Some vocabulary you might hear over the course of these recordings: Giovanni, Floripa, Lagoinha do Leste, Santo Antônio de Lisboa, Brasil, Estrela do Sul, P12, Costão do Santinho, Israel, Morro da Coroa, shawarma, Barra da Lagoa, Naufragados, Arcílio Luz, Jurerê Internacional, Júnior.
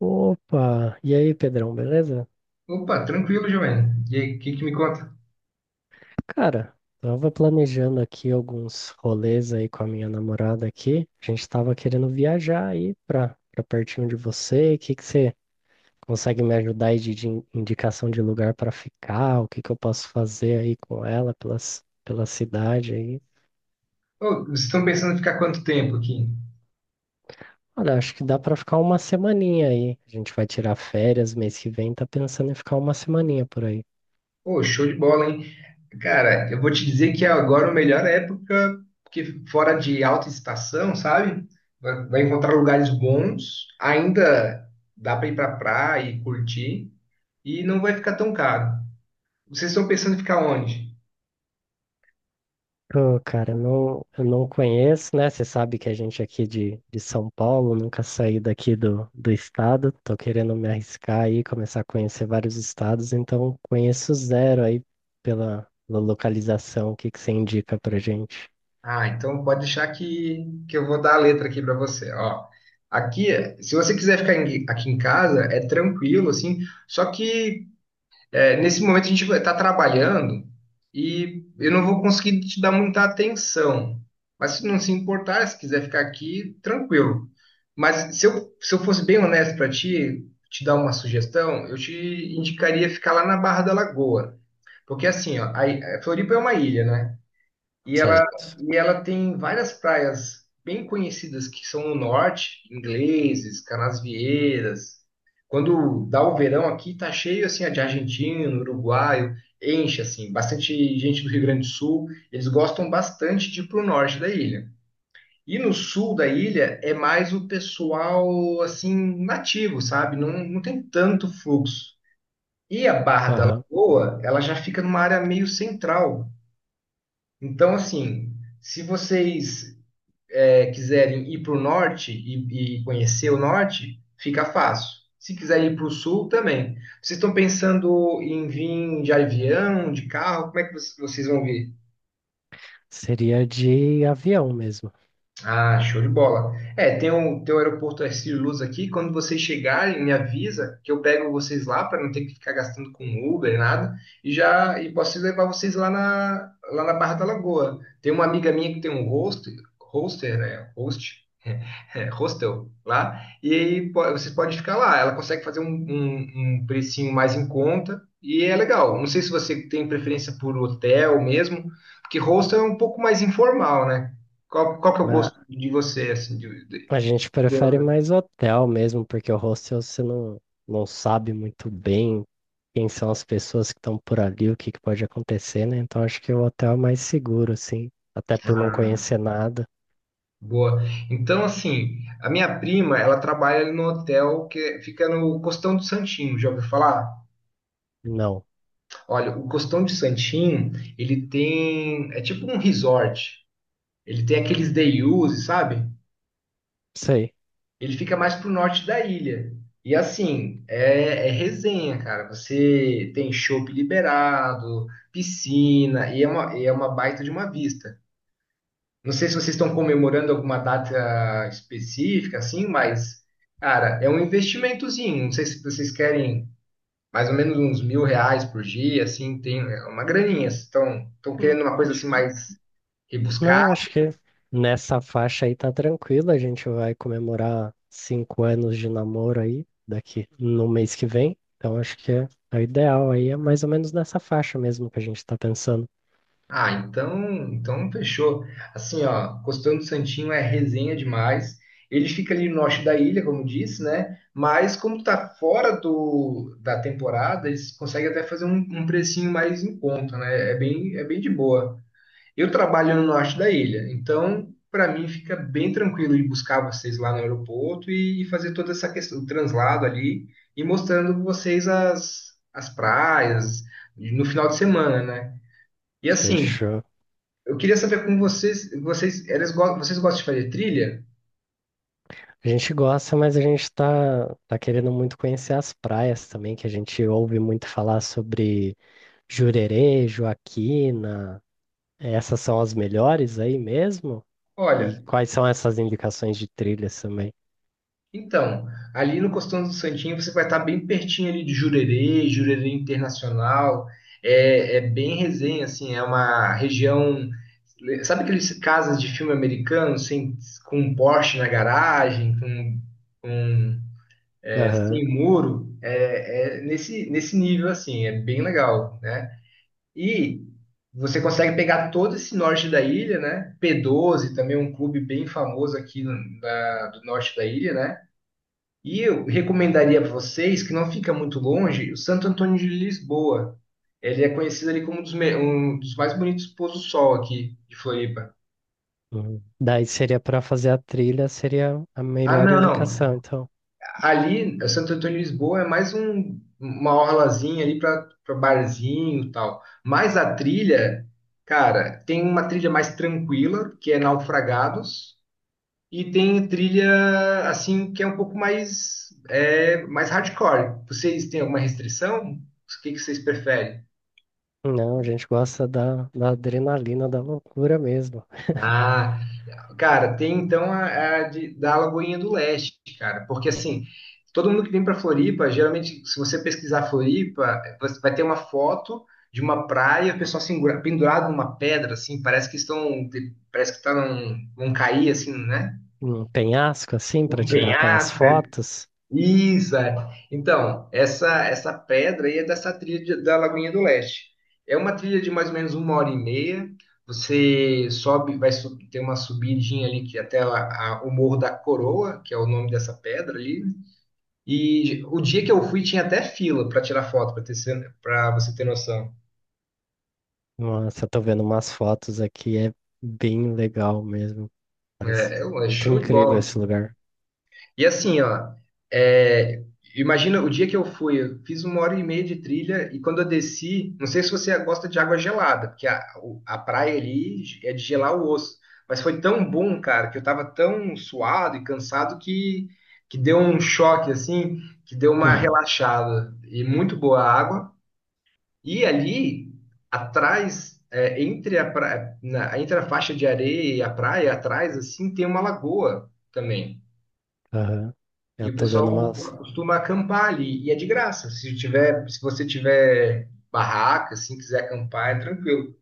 Opa! E aí, Pedrão, beleza? Opa, tranquilo, Giovanni. E aí, o que que me conta? Cara, tava planejando aqui alguns rolês aí com a minha namorada aqui. A gente tava querendo viajar aí pra pertinho de você. O que que você consegue me ajudar aí de indicação de lugar pra ficar? O que que eu posso fazer aí com ela pela cidade aí? Ô, vocês estão pensando em ficar quanto tempo aqui? Olha, acho que dá pra ficar uma semaninha aí. A gente vai tirar férias mês que vem, tá pensando em ficar uma semaninha por aí. Ô, show de bola, hein? Cara, eu vou te dizer que agora é a melhor época, porque fora de alta estação, sabe? Vai encontrar lugares bons, ainda dá para ir pra praia e curtir, e não vai ficar tão caro. Vocês estão pensando em ficar onde? Pô, cara, não, eu não conheço, né? Você sabe que a gente aqui de São Paulo, nunca saí daqui do estado. Tô querendo me arriscar aí, começar a conhecer vários estados, então conheço zero aí pela localização. O que que você indica pra gente? Ah, então pode deixar que eu vou dar a letra aqui para você, ó. Aqui, se você quiser aqui em casa, é tranquilo, assim, só que nesse momento a gente vai estar trabalhando e eu não vou conseguir te dar muita atenção. Mas se não se importar, se quiser ficar aqui, tranquilo. Mas se eu fosse bem honesto para ti, te dar uma sugestão, eu te indicaria ficar lá na Barra da Lagoa. Porque assim, ó, a Floripa é uma ilha, né? E ela, Certo. e ela tem várias praias bem conhecidas que são no norte, ingleses, canasvieiras. Quando dá o verão aqui, tá cheio assim de argentino, uruguaio, enche assim, bastante gente do Rio Grande do Sul. Eles gostam bastante de ir pro norte da ilha. E no sul da ilha é mais o pessoal assim nativo, sabe? Não, não tem tanto fluxo. E a Barra da Aham. Lagoa, ela já fica numa área meio central. Então, assim, se vocês quiserem ir para o norte e conhecer o norte, fica fácil. Se quiserem ir para o sul, também. Vocês estão pensando em vir de avião, de carro? Como é que vocês vão vir? Seria de avião mesmo. Ah, show de bola. É, tem o aeroporto Arcílio Luz aqui. Quando vocês chegarem, me avisa que eu pego vocês lá para não ter que ficar gastando com Uber, nada. E posso levar vocês lá na Barra da Lagoa. Tem uma amiga minha que tem um hostel, né? Hostel lá, e vocês podem ficar lá. Ela consegue fazer um precinho mais em conta e é legal. Não sei se você tem preferência por hotel mesmo, porque hostel é um pouco mais informal, né? Qual que é o Na- gosto de você, assim, A gente prefere mais hotel mesmo, porque o hostel você não sabe muito bem quem são as pessoas que estão por ali, o que que pode acontecer, né? Então acho que o hotel é mais seguro, assim, até por não Ah, conhecer nada. boa. Então, assim, a minha prima, ela trabalha no hotel que fica no Costão do Santinho, já ouviu falar? Não, Olha, o Costão de Santinho, ele tem, é tipo um resort. Ele tem aqueles day-use, sabe? sei. Ele fica mais pro norte da ilha. E assim, é resenha, cara. Você tem chopp liberado, piscina, e é uma baita de uma vista. Não sei se vocês estão comemorando alguma data específica, assim, mas, cara, é um investimentozinho. Não sei se vocês querem mais ou menos uns R$ 1.000 por dia, assim, tem é uma graninha. Estão Hum, querendo uma coisa assim acho- mais Não, acho que nessa faixa aí tá tranquilo. A gente vai comemorar cinco anos de namoro aí daqui no mês que vem. Então acho que é o ideal aí, é mais ou menos nessa faixa mesmo que a gente tá pensando. Ah, então fechou. Assim, ó, Costão do Santinho é resenha demais. Ele fica ali no norte da ilha, como disse, né? Mas como tá da temporada, eles conseguem até fazer um precinho mais em conta, né? É bem de boa. Eu trabalho no norte da ilha, então para mim fica bem tranquilo de buscar vocês lá no aeroporto e fazer toda essa questão, o translado ali e mostrando vocês as praias no final de semana, né? E assim, Fechou. eu queria saber com vocês, vocês gostam de fazer trilha? A gente gosta, mas a gente tá querendo muito conhecer as praias também, que a gente ouve muito falar sobre Jurerê, Joaquina. Essas são as melhores aí mesmo? E Olha, quais são essas indicações de trilhas também? então, ali no Costão do Santinho você vai estar bem pertinho ali de Jurerê, Jurerê Internacional, é bem resenha, assim, é uma região, sabe aqueles casas de filme americano, sem, com um Porsche na garagem, com Aham. sem muro? É, nesse nível, assim, é bem legal, né? E você consegue pegar todo esse norte da ilha, né? P12 também é um clube bem famoso aqui no- da- do norte da ilha, né? E eu recomendaria para vocês, que não fica muito longe, o Santo Antônio de Lisboa. Ele é conhecido ali como um um dos mais bonitos pôr do sol aqui de Floripa. Uhum. Daí seria para fazer a trilha, seria a Ah, melhor não, não. indicação. Então, Ali, o Santo Antônio de Lisboa é mais uma orlazinha ali para barzinho e tal. Mas a trilha, cara, tem uma trilha mais tranquila, que é Naufragados, e tem trilha, assim, que é um pouco mais, mais hardcore. Vocês têm alguma restrição? O que que vocês preferem? não, a gente gosta da adrenalina, da loucura mesmo. Ah, cara, tem então da Lagoinha do Leste, cara, porque assim, todo mundo que vem para Floripa, geralmente, se você pesquisar Floripa, você vai ter uma foto de uma praia, o pessoal pendurado numa pedra, assim, parece que estão, parece que tá num, vão cair, assim, né? Um penhasco assim, para Um tirar aquelas penhasco, fotos. isso, é. Então, essa pedra aí é dessa da Lagoinha do Leste. É uma trilha de mais ou menos 1h30. Você sobe, ter uma subidinha ali que o Morro da Coroa, que é o nome dessa pedra ali. E o dia que eu fui tinha até fila para tirar foto, para você ter noção. Nossa, eu tô vendo umas fotos aqui, é bem legal mesmo. Parece É, é muito show de incrível bola. esse lugar. E assim, ó, é, imagina o dia que eu fui, eu fiz 1h30 de trilha e quando eu desci, não sei se você gosta de água gelada, porque a praia ali é de gelar o osso, mas foi tão bom, cara, que eu tava tão suado e cansado que deu um choque, assim, que deu uma relaxada. E muito boa a água. E ali, atrás, entre entre a faixa de areia e a praia, atrás, assim, tem uma lagoa também. Aham. E Eu o tô dando pessoal umas costuma acampar ali. E é de graça. Se você tiver barraca, assim, quiser acampar, é tranquilo.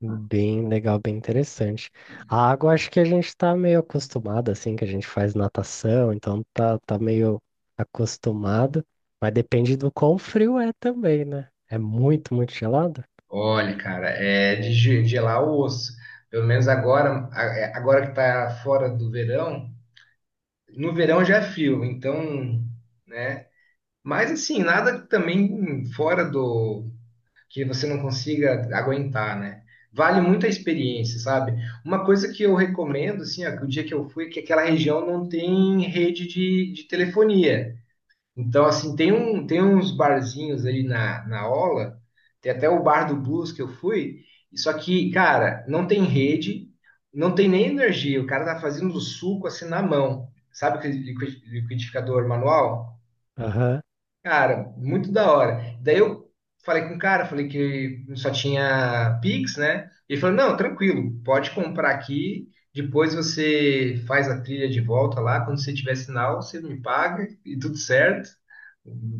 bem legal, bem interessante. A água, acho que a gente tá meio acostumado, assim, que a gente faz natação, então tá meio acostumado, mas depende do quão frio é também, né? É muito, muito gelado? Olha, cara, é gelar o osso. Pelo menos agora, agora que tá fora do verão, no verão já é frio, então, né? Mas assim, nada também fora do que você não consiga aguentar, né? Vale muito a experiência, sabe? Uma coisa que eu recomendo, assim, ó, que o dia que eu fui, é que aquela região não tem rede de telefonia. Então, assim, tem uns barzinhos na Ola, tem até o bar do Blues que eu fui, só que, cara, não tem rede, não tem nem energia, o cara tá fazendo o suco assim na mão. Sabe aquele liquidificador manual? Aham. Cara, muito da hora. Daí eu falei com o cara, falei que só tinha Pix, né? Ele falou: não, tranquilo, pode comprar aqui. Depois você faz a trilha de volta lá. Quando você tiver sinal, você me paga e tudo certo.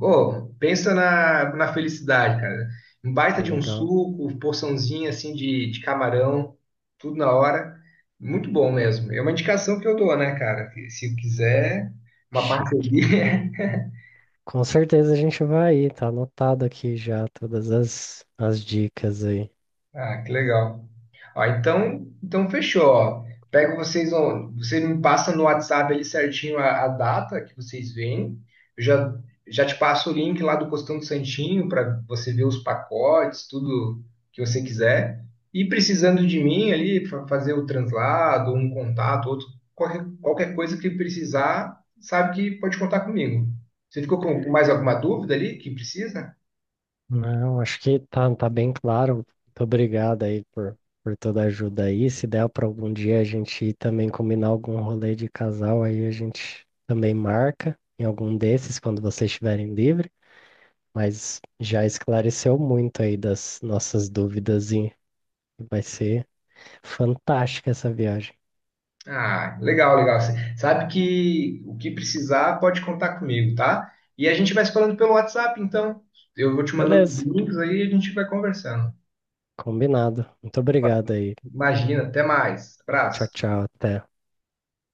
Ô, pensa na felicidade, cara. Um baita de um Legal, suco, porçãozinha assim de camarão, tudo na hora. Muito bom mesmo. É uma indicação que eu dou, né, cara? Que se quiser, uma chique. parceria. Com certeza a gente vai ir, tá anotado aqui já todas as dicas aí. Ah, que legal. Ó, então, então fechou. Ó. Pego vocês, ó, você me passa no WhatsApp ali certinho a data que vocês vêm. Eu já, já te passo o link lá do Costão do Santinho para você ver os pacotes, tudo que você quiser. E precisando de mim ali, fazer o translado, um contato, outro, qualquer coisa que precisar, sabe que pode contar comigo. Você ficou com mais alguma dúvida ali que precisa? Não, acho que tá bem claro. Muito obrigado aí por toda a ajuda aí. Se der para algum dia a gente ir também combinar algum rolê de casal, aí a gente também marca em algum desses quando vocês estiverem livre. Mas já esclareceu muito aí das nossas dúvidas e vai ser fantástica essa viagem. Ah, legal, legal. Cê sabe que o que precisar pode contar comigo, tá? E a gente vai se falando pelo WhatsApp, então. Eu vou te mandando os Beleza, links aí e a gente vai conversando. combinado. Muito obrigado aí. Imagina, até mais. Tchau, Abraço. tchau. Até.